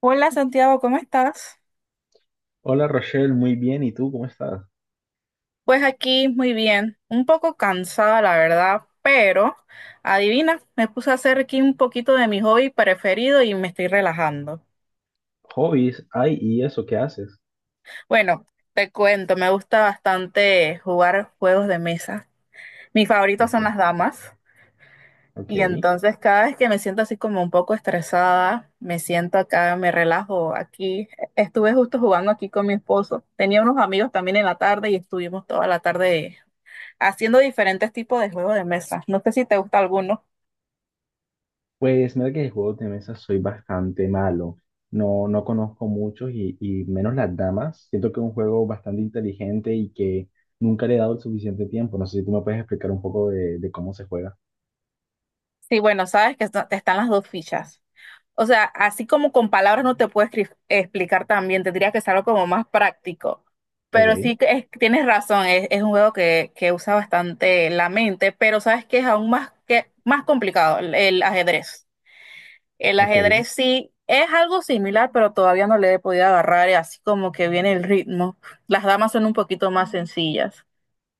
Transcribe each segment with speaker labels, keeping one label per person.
Speaker 1: Hola Santiago, ¿cómo estás?
Speaker 2: Hola Rochelle, muy bien. ¿Y tú cómo estás?
Speaker 1: Pues aquí muy bien, un poco cansada la verdad, pero adivina, me puse a hacer aquí un poquito de mi hobby preferido y me estoy relajando.
Speaker 2: ¿Hobbies? Ay, ¿y eso qué haces?
Speaker 1: Bueno, te cuento, me gusta bastante jugar juegos de mesa. Mis favoritos
Speaker 2: Ok,
Speaker 1: son las damas
Speaker 2: ok.
Speaker 1: y entonces cada vez que me siento así como un poco estresada, me siento acá, me relajo aquí. Estuve justo jugando aquí con mi esposo. Tenía unos amigos también en la tarde y estuvimos toda la tarde haciendo diferentes tipos de juegos de mesa. No sé si te gusta alguno.
Speaker 2: Pues mira que de juegos de mesa soy bastante malo. No, no conozco muchos y menos las damas. Siento que es un juego bastante inteligente y que nunca le he dado el suficiente tiempo. No sé si tú me puedes explicar un poco de cómo se juega.
Speaker 1: Sí, bueno, sabes que te están las dos fichas. O sea, así como con palabras no te puedo explicar también, tendría que ser algo como más práctico. Pero sí,
Speaker 2: Ok,
Speaker 1: tienes razón, es un juego que usa bastante la mente, pero sabes que es aún más, que, más complicado, el ajedrez. El
Speaker 2: ok.
Speaker 1: ajedrez sí es algo similar, pero todavía no le he podido agarrar, y así como que viene el ritmo. Las damas son un poquito más sencillas.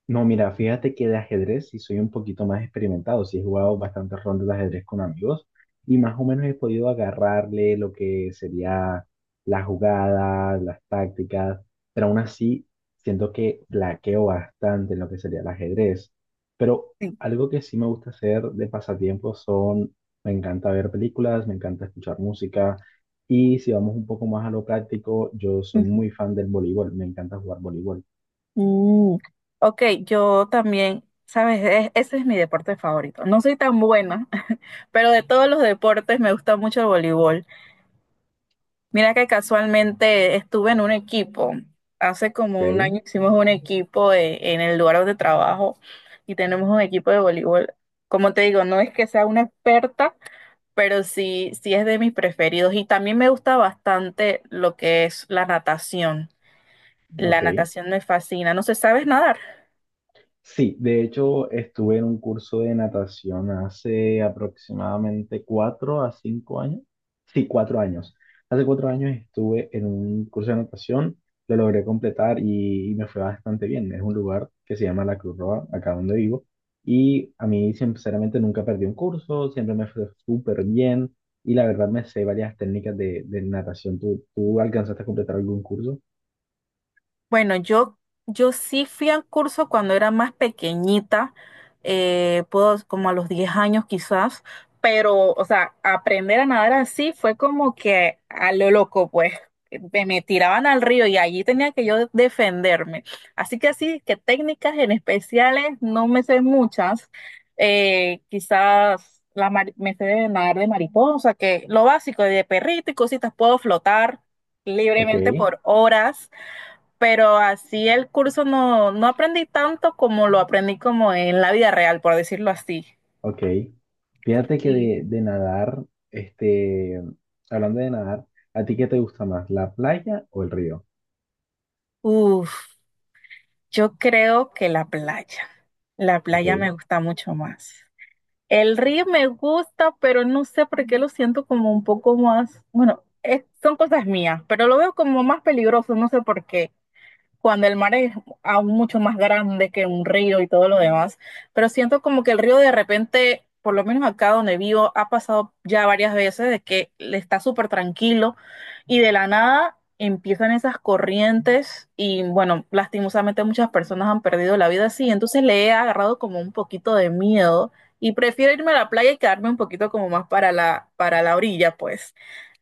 Speaker 2: No, mira, fíjate que de ajedrez sí soy un poquito más experimentado, sí he jugado bastantes rondas de ajedrez con amigos y más o menos he podido agarrarle lo que sería las jugadas, las tácticas, pero aún así siento que flaqueo bastante en lo que sería el ajedrez. Pero algo que sí me gusta hacer de pasatiempo son, me encanta ver películas, me encanta escuchar música y si vamos un poco más a lo práctico, yo soy
Speaker 1: Sí.
Speaker 2: muy fan del voleibol, me encanta jugar voleibol.
Speaker 1: Mm, ok, yo también, sabes, ese es mi deporte favorito. No soy tan buena, pero de todos los deportes me gusta mucho el voleibol. Mira que casualmente estuve en un equipo, hace como un
Speaker 2: Ok,
Speaker 1: año hicimos un equipo en el lugar donde trabajo y tenemos un equipo de voleibol. Como te digo, no es que sea una experta, pero sí, sí es de mis preferidos y también me gusta bastante lo que es la natación. La
Speaker 2: ok.
Speaker 1: natación me fascina. No sé, ¿sabes nadar?
Speaker 2: Sí, de hecho estuve en un curso de natación hace aproximadamente 4 a 5 años. Sí, 4 años. Hace 4 años estuve en un curso de natación, lo logré completar y me fue bastante bien. Es un lugar que se llama La Cruz Roja, acá donde vivo, y a mí sinceramente nunca perdí un curso, siempre me fue súper bien y la verdad me sé varias técnicas de natación. ¿¿Tú alcanzaste a completar algún curso?
Speaker 1: Bueno, yo sí fui al curso cuando era más pequeñita, puedo, como a los 10 años quizás, pero, o sea, aprender a nadar así fue como que a lo loco, pues, me tiraban al río y allí tenía que yo defenderme. Así que técnicas en especiales no me sé muchas, quizás me sé de nadar de mariposa, que lo básico de perrito y cositas, puedo flotar
Speaker 2: Ok.
Speaker 1: libremente por horas, pero así el curso no, no aprendí tanto como lo aprendí como en la vida real, por decirlo así.
Speaker 2: Ok. Fíjate que
Speaker 1: Sí.
Speaker 2: de nadar, este, hablando de nadar, ¿a ti qué te gusta más, la playa o el río?
Speaker 1: Uf, yo creo que la playa. La
Speaker 2: Ok.
Speaker 1: playa me gusta mucho más. El río me gusta, pero no sé por qué lo siento como un poco más, bueno, son cosas mías, pero lo veo como más peligroso, no sé por qué, cuando el mar es aún mucho más grande que un río y todo lo demás, pero siento como que el río de repente, por lo menos acá donde vivo, ha pasado ya varias veces de que le está súper tranquilo y de la nada empiezan esas corrientes y bueno, lastimosamente muchas personas han perdido la vida así, entonces le he agarrado como un poquito de miedo. Y prefiero irme a la playa y quedarme un poquito como más para la orilla, pues.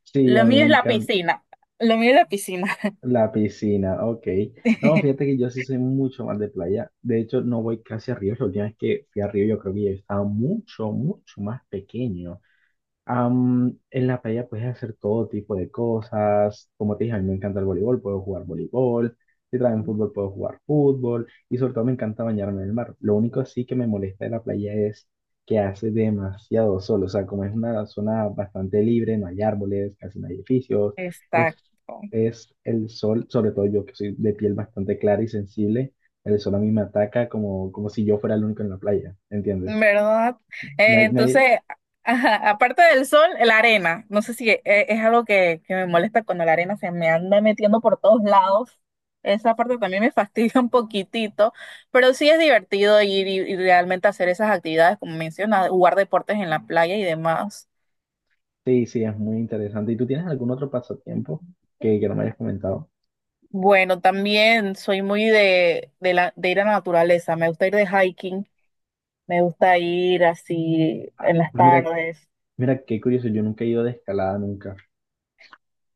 Speaker 2: Sí,
Speaker 1: Lo
Speaker 2: a mí
Speaker 1: mío es
Speaker 2: me
Speaker 1: la
Speaker 2: encanta
Speaker 1: piscina. Lo mío es la piscina.
Speaker 2: la piscina, ok. No, fíjate que yo sí soy mucho más de playa. De hecho, no voy casi a ríos. La última vez que fui a río, yo creo que yo estaba mucho, mucho más pequeño. En la playa puedes hacer todo tipo de cosas. Como te dije, a mí me encanta el voleibol, puedo jugar voleibol. Si traen fútbol, puedo jugar fútbol. Y sobre todo me encanta bañarme en el mar. Lo único sí que me molesta de la playa es que hace demasiado sol. O sea, como es una zona bastante libre, no hay árboles, casi no hay edificios. Es,
Speaker 1: Exacto.
Speaker 2: es el sol, sobre todo yo que soy de piel bastante clara y sensible, el sol a mí me ataca como, como si yo fuera el único en la playa. ¿Entiendes?
Speaker 1: ¿Verdad? Eh,
Speaker 2: Nadie, nadie-
Speaker 1: entonces, ajá, aparte del sol, la arena. No sé si es, algo que me molesta cuando la arena se me anda metiendo por todos lados. Esa parte también me fastidia un poquitito, pero sí es divertido ir y realmente hacer esas actividades, como mencionas, jugar deportes en la playa y demás.
Speaker 2: Sí, sí, es muy interesante. ¿Y tú tienes algún otro pasatiempo que no me hayas comentado?
Speaker 1: Bueno, también soy muy de ir a la naturaleza. Me gusta ir de hiking, me gusta ir así en las
Speaker 2: Mira,
Speaker 1: tardes.
Speaker 2: mira, qué curioso, yo nunca he ido de escalada, nunca.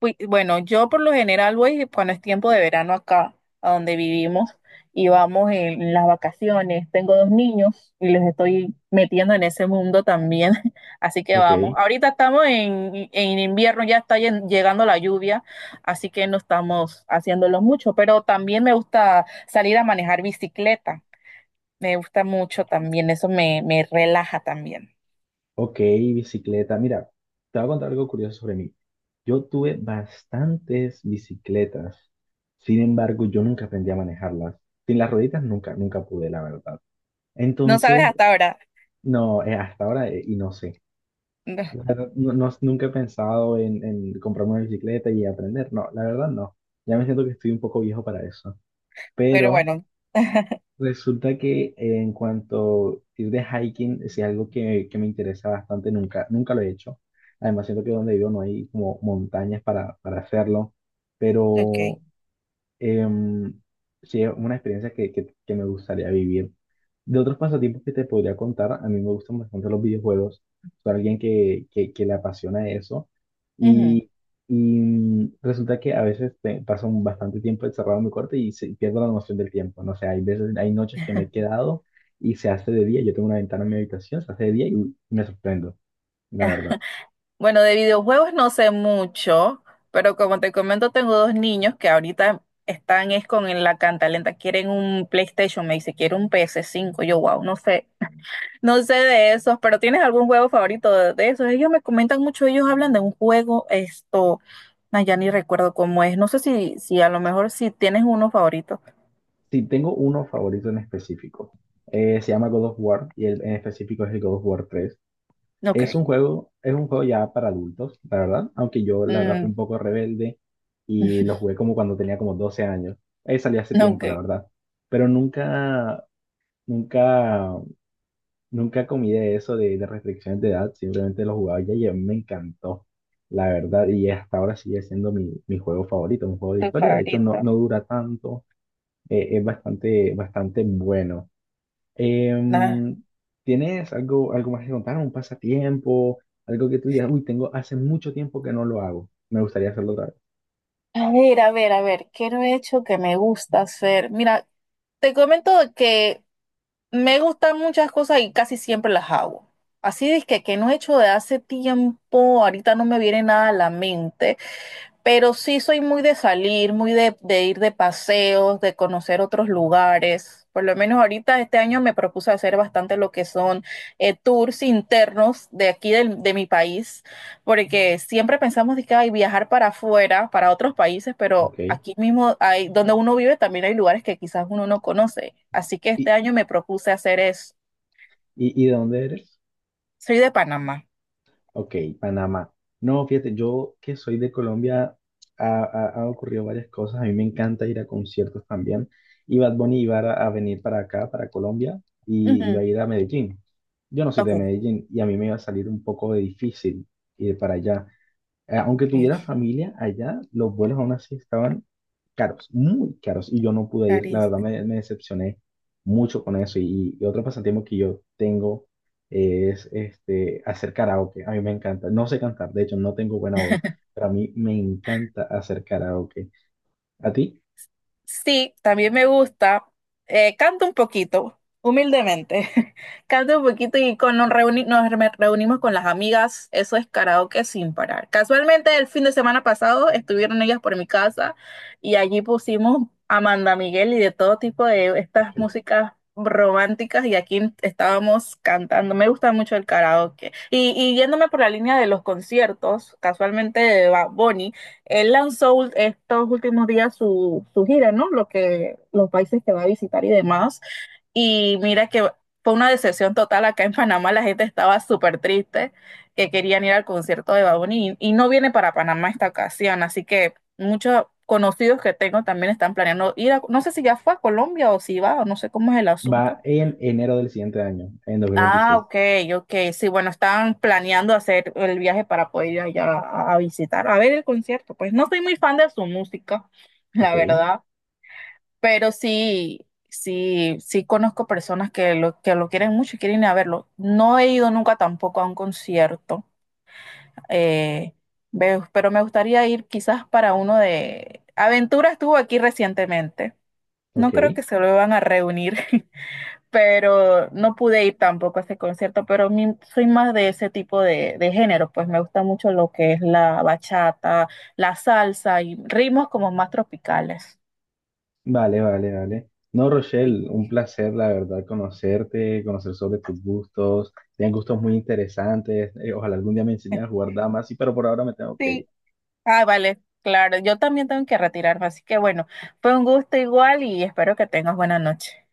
Speaker 1: Bueno, yo por lo general voy cuando es tiempo de verano acá, a donde vivimos, y vamos en las vacaciones. Tengo dos niños y los estoy metiendo en ese mundo también, así que
Speaker 2: Ok,
Speaker 1: vamos. Ahorita estamos en invierno, ya está llegando la lluvia, así que no estamos haciéndolo mucho, pero también me gusta salir a manejar bicicleta, me gusta mucho también, eso me relaja también.
Speaker 2: ok, bicicleta. Mira, te voy a contar algo curioso sobre mí. Yo tuve bastantes bicicletas, sin embargo, yo nunca aprendí a manejarlas. Sin las rueditas nunca, nunca pude, la verdad.
Speaker 1: No sabes
Speaker 2: Entonces,
Speaker 1: hasta ahora,
Speaker 2: no, hasta ahora, y no sé. La verdad, no, no- nunca he pensado en comprarme una bicicleta y aprender. No, la verdad no. Ya me siento que estoy un poco viejo para eso.
Speaker 1: pero
Speaker 2: Pero
Speaker 1: bueno.
Speaker 2: resulta que en cuanto ir de hiking es algo que me interesa bastante. Nunca, nunca lo he hecho. Además, siento que donde vivo no hay como montañas para hacerlo.
Speaker 1: Ok.
Speaker 2: Pero Em, sí, es una experiencia que me gustaría vivir. De otros pasatiempos que te podría contar, a mí me gustan bastante los videojuegos. Soy alguien que le apasiona eso.
Speaker 1: Ujú.
Speaker 2: Y, resulta que a veces paso un bastante tiempo encerrado en mi cuarto y pierdo la noción del tiempo. No sé, hay veces, hay noches que me he quedado y se hace de día. Yo tengo una ventana en mi habitación, se hace de día y me sorprendo, la verdad.
Speaker 1: Bueno, de videojuegos no sé mucho, pero como te comento, tengo dos niños que ahorita están es con la cantalenta, quieren un PlayStation, me dice, quiero un PS5, yo wow, no sé, no sé de esos, pero ¿tienes algún juego favorito de esos? Ellos me comentan mucho, ellos hablan de un juego, esto, ay, ya ni recuerdo cómo es, no sé si a lo mejor si tienes uno favorito.
Speaker 2: Sí, tengo uno favorito en específico. Se llama God of War y el en específico es el God of War 3.
Speaker 1: Ok,
Speaker 2: Es un juego ya para adultos, la verdad, aunque yo la verdad fui
Speaker 1: mm,
Speaker 2: un poco rebelde y lo jugué como cuando tenía como 12 años. Ahí salí hace
Speaker 1: ok,
Speaker 2: tiempo, la verdad. Pero nunca, nunca, nunca comí de eso de restricciones de edad, simplemente lo jugaba ya y a mí me encantó, la verdad. Y hasta ahora sigue siendo mi juego favorito, un juego de
Speaker 1: tu
Speaker 2: historia. De hecho, no,
Speaker 1: favorito.
Speaker 2: no dura tanto, es bastante, bastante bueno.
Speaker 1: Ah,
Speaker 2: Em, ¿Tienes algo, algo más que contar? ¿Un pasatiempo? Algo que tú digas, uy, tengo hace mucho tiempo que no lo hago. Me gustaría hacerlo otra vez.
Speaker 1: a ver, a ver, a ver, ¿qué no he hecho que me gusta hacer? Mira, te comento que me gustan muchas cosas y casi siempre las hago. Así es que no he hecho de hace tiempo, ahorita no me viene nada a la mente, pero sí soy muy de salir, muy de ir de paseos, de conocer otros lugares. Por lo menos ahorita este año me propuse hacer bastante lo que son tours internos de aquí de mi país, porque siempre pensamos de que hay viajar para afuera, para otros países, pero
Speaker 2: Ok.
Speaker 1: aquí mismo hay, donde uno vive también hay lugares que quizás uno no conoce. Así que
Speaker 2: Y,
Speaker 1: este año me propuse hacer eso.
Speaker 2: y de dónde eres?
Speaker 1: Soy de Panamá.
Speaker 2: Ok, Panamá. No, fíjate, yo que soy de Colombia, ha ocurrido varias cosas. A mí me encanta ir a conciertos también. Y Bad Bunny iba a venir para acá, para Colombia, y iba
Speaker 1: Ujú.
Speaker 2: a ir a Medellín. Yo no soy
Speaker 1: Ok.
Speaker 2: de Medellín y a mí me iba a salir un poco de difícil ir para allá. Aunque
Speaker 1: Ok,
Speaker 2: tuviera familia allá, los vuelos aún así estaban caros, muy caros, y yo no pude ir. La
Speaker 1: Caris.
Speaker 2: verdad me decepcioné mucho con eso. Y otro pasatiempo que yo tengo es este, hacer karaoke. A mí me encanta. No sé cantar, de hecho, no tengo buena voz, pero a mí me encanta hacer karaoke. ¿A ti?
Speaker 1: Sí, también me gusta. Canto un poquito, humildemente. Canto un poquito y con, nos, reuni- nos re- reunimos con las amigas. Eso es karaoke sin parar. Casualmente el fin de semana pasado estuvieron ellas por mi casa y allí pusimos Amanda Miguel y de todo tipo de estas
Speaker 2: Ok.
Speaker 1: músicas románticas y aquí estábamos cantando. Me gusta mucho el karaoke. Y yéndome por la línea de los conciertos, casualmente de Bonnie él lanzó estos últimos días su gira, ¿no? Los países que va a visitar y demás. Y mira que fue una decepción total. Acá en Panamá la gente estaba súper triste, que querían ir al concierto de Bad Bunny y no viene para Panamá esta ocasión. Así que muchos conocidos que tengo también están planeando ir a, no sé si ya fue a Colombia o si va, o no sé cómo es el asunto.
Speaker 2: Va en enero del siguiente año, en dos mil
Speaker 1: Ah,
Speaker 2: veintiséis.
Speaker 1: ok, ok. Sí, bueno, estaban planeando hacer el viaje para poder ir allá a, visitar, a ver el concierto. Pues no soy muy fan de su música, la
Speaker 2: Ok,
Speaker 1: verdad, pero sí, sí, sí conozco personas que lo quieren mucho y quieren ir a verlo. No he ido nunca tampoco a un concierto, eh, pero me gustaría ir quizás para uno de. Aventura estuvo aquí recientemente. No
Speaker 2: ok.
Speaker 1: creo que se lo van a reunir. Pero no pude ir tampoco a ese concierto, pero soy más de ese tipo de género, pues me gusta mucho lo que es la bachata, la salsa y ritmos como más tropicales.
Speaker 2: Vale, vale, vale. No,
Speaker 1: Sí.
Speaker 2: Rochelle, un placer, la verdad, conocerte, conocer sobre tus gustos. Tienes gustos muy interesantes. Ojalá algún día me enseñes a jugar damas, sí, pero por ahora me tengo que
Speaker 1: Sí.
Speaker 2: ir.
Speaker 1: Ah, vale, claro, yo también tengo que retirarme, así que bueno, fue un gusto igual y espero que tengas buena noche.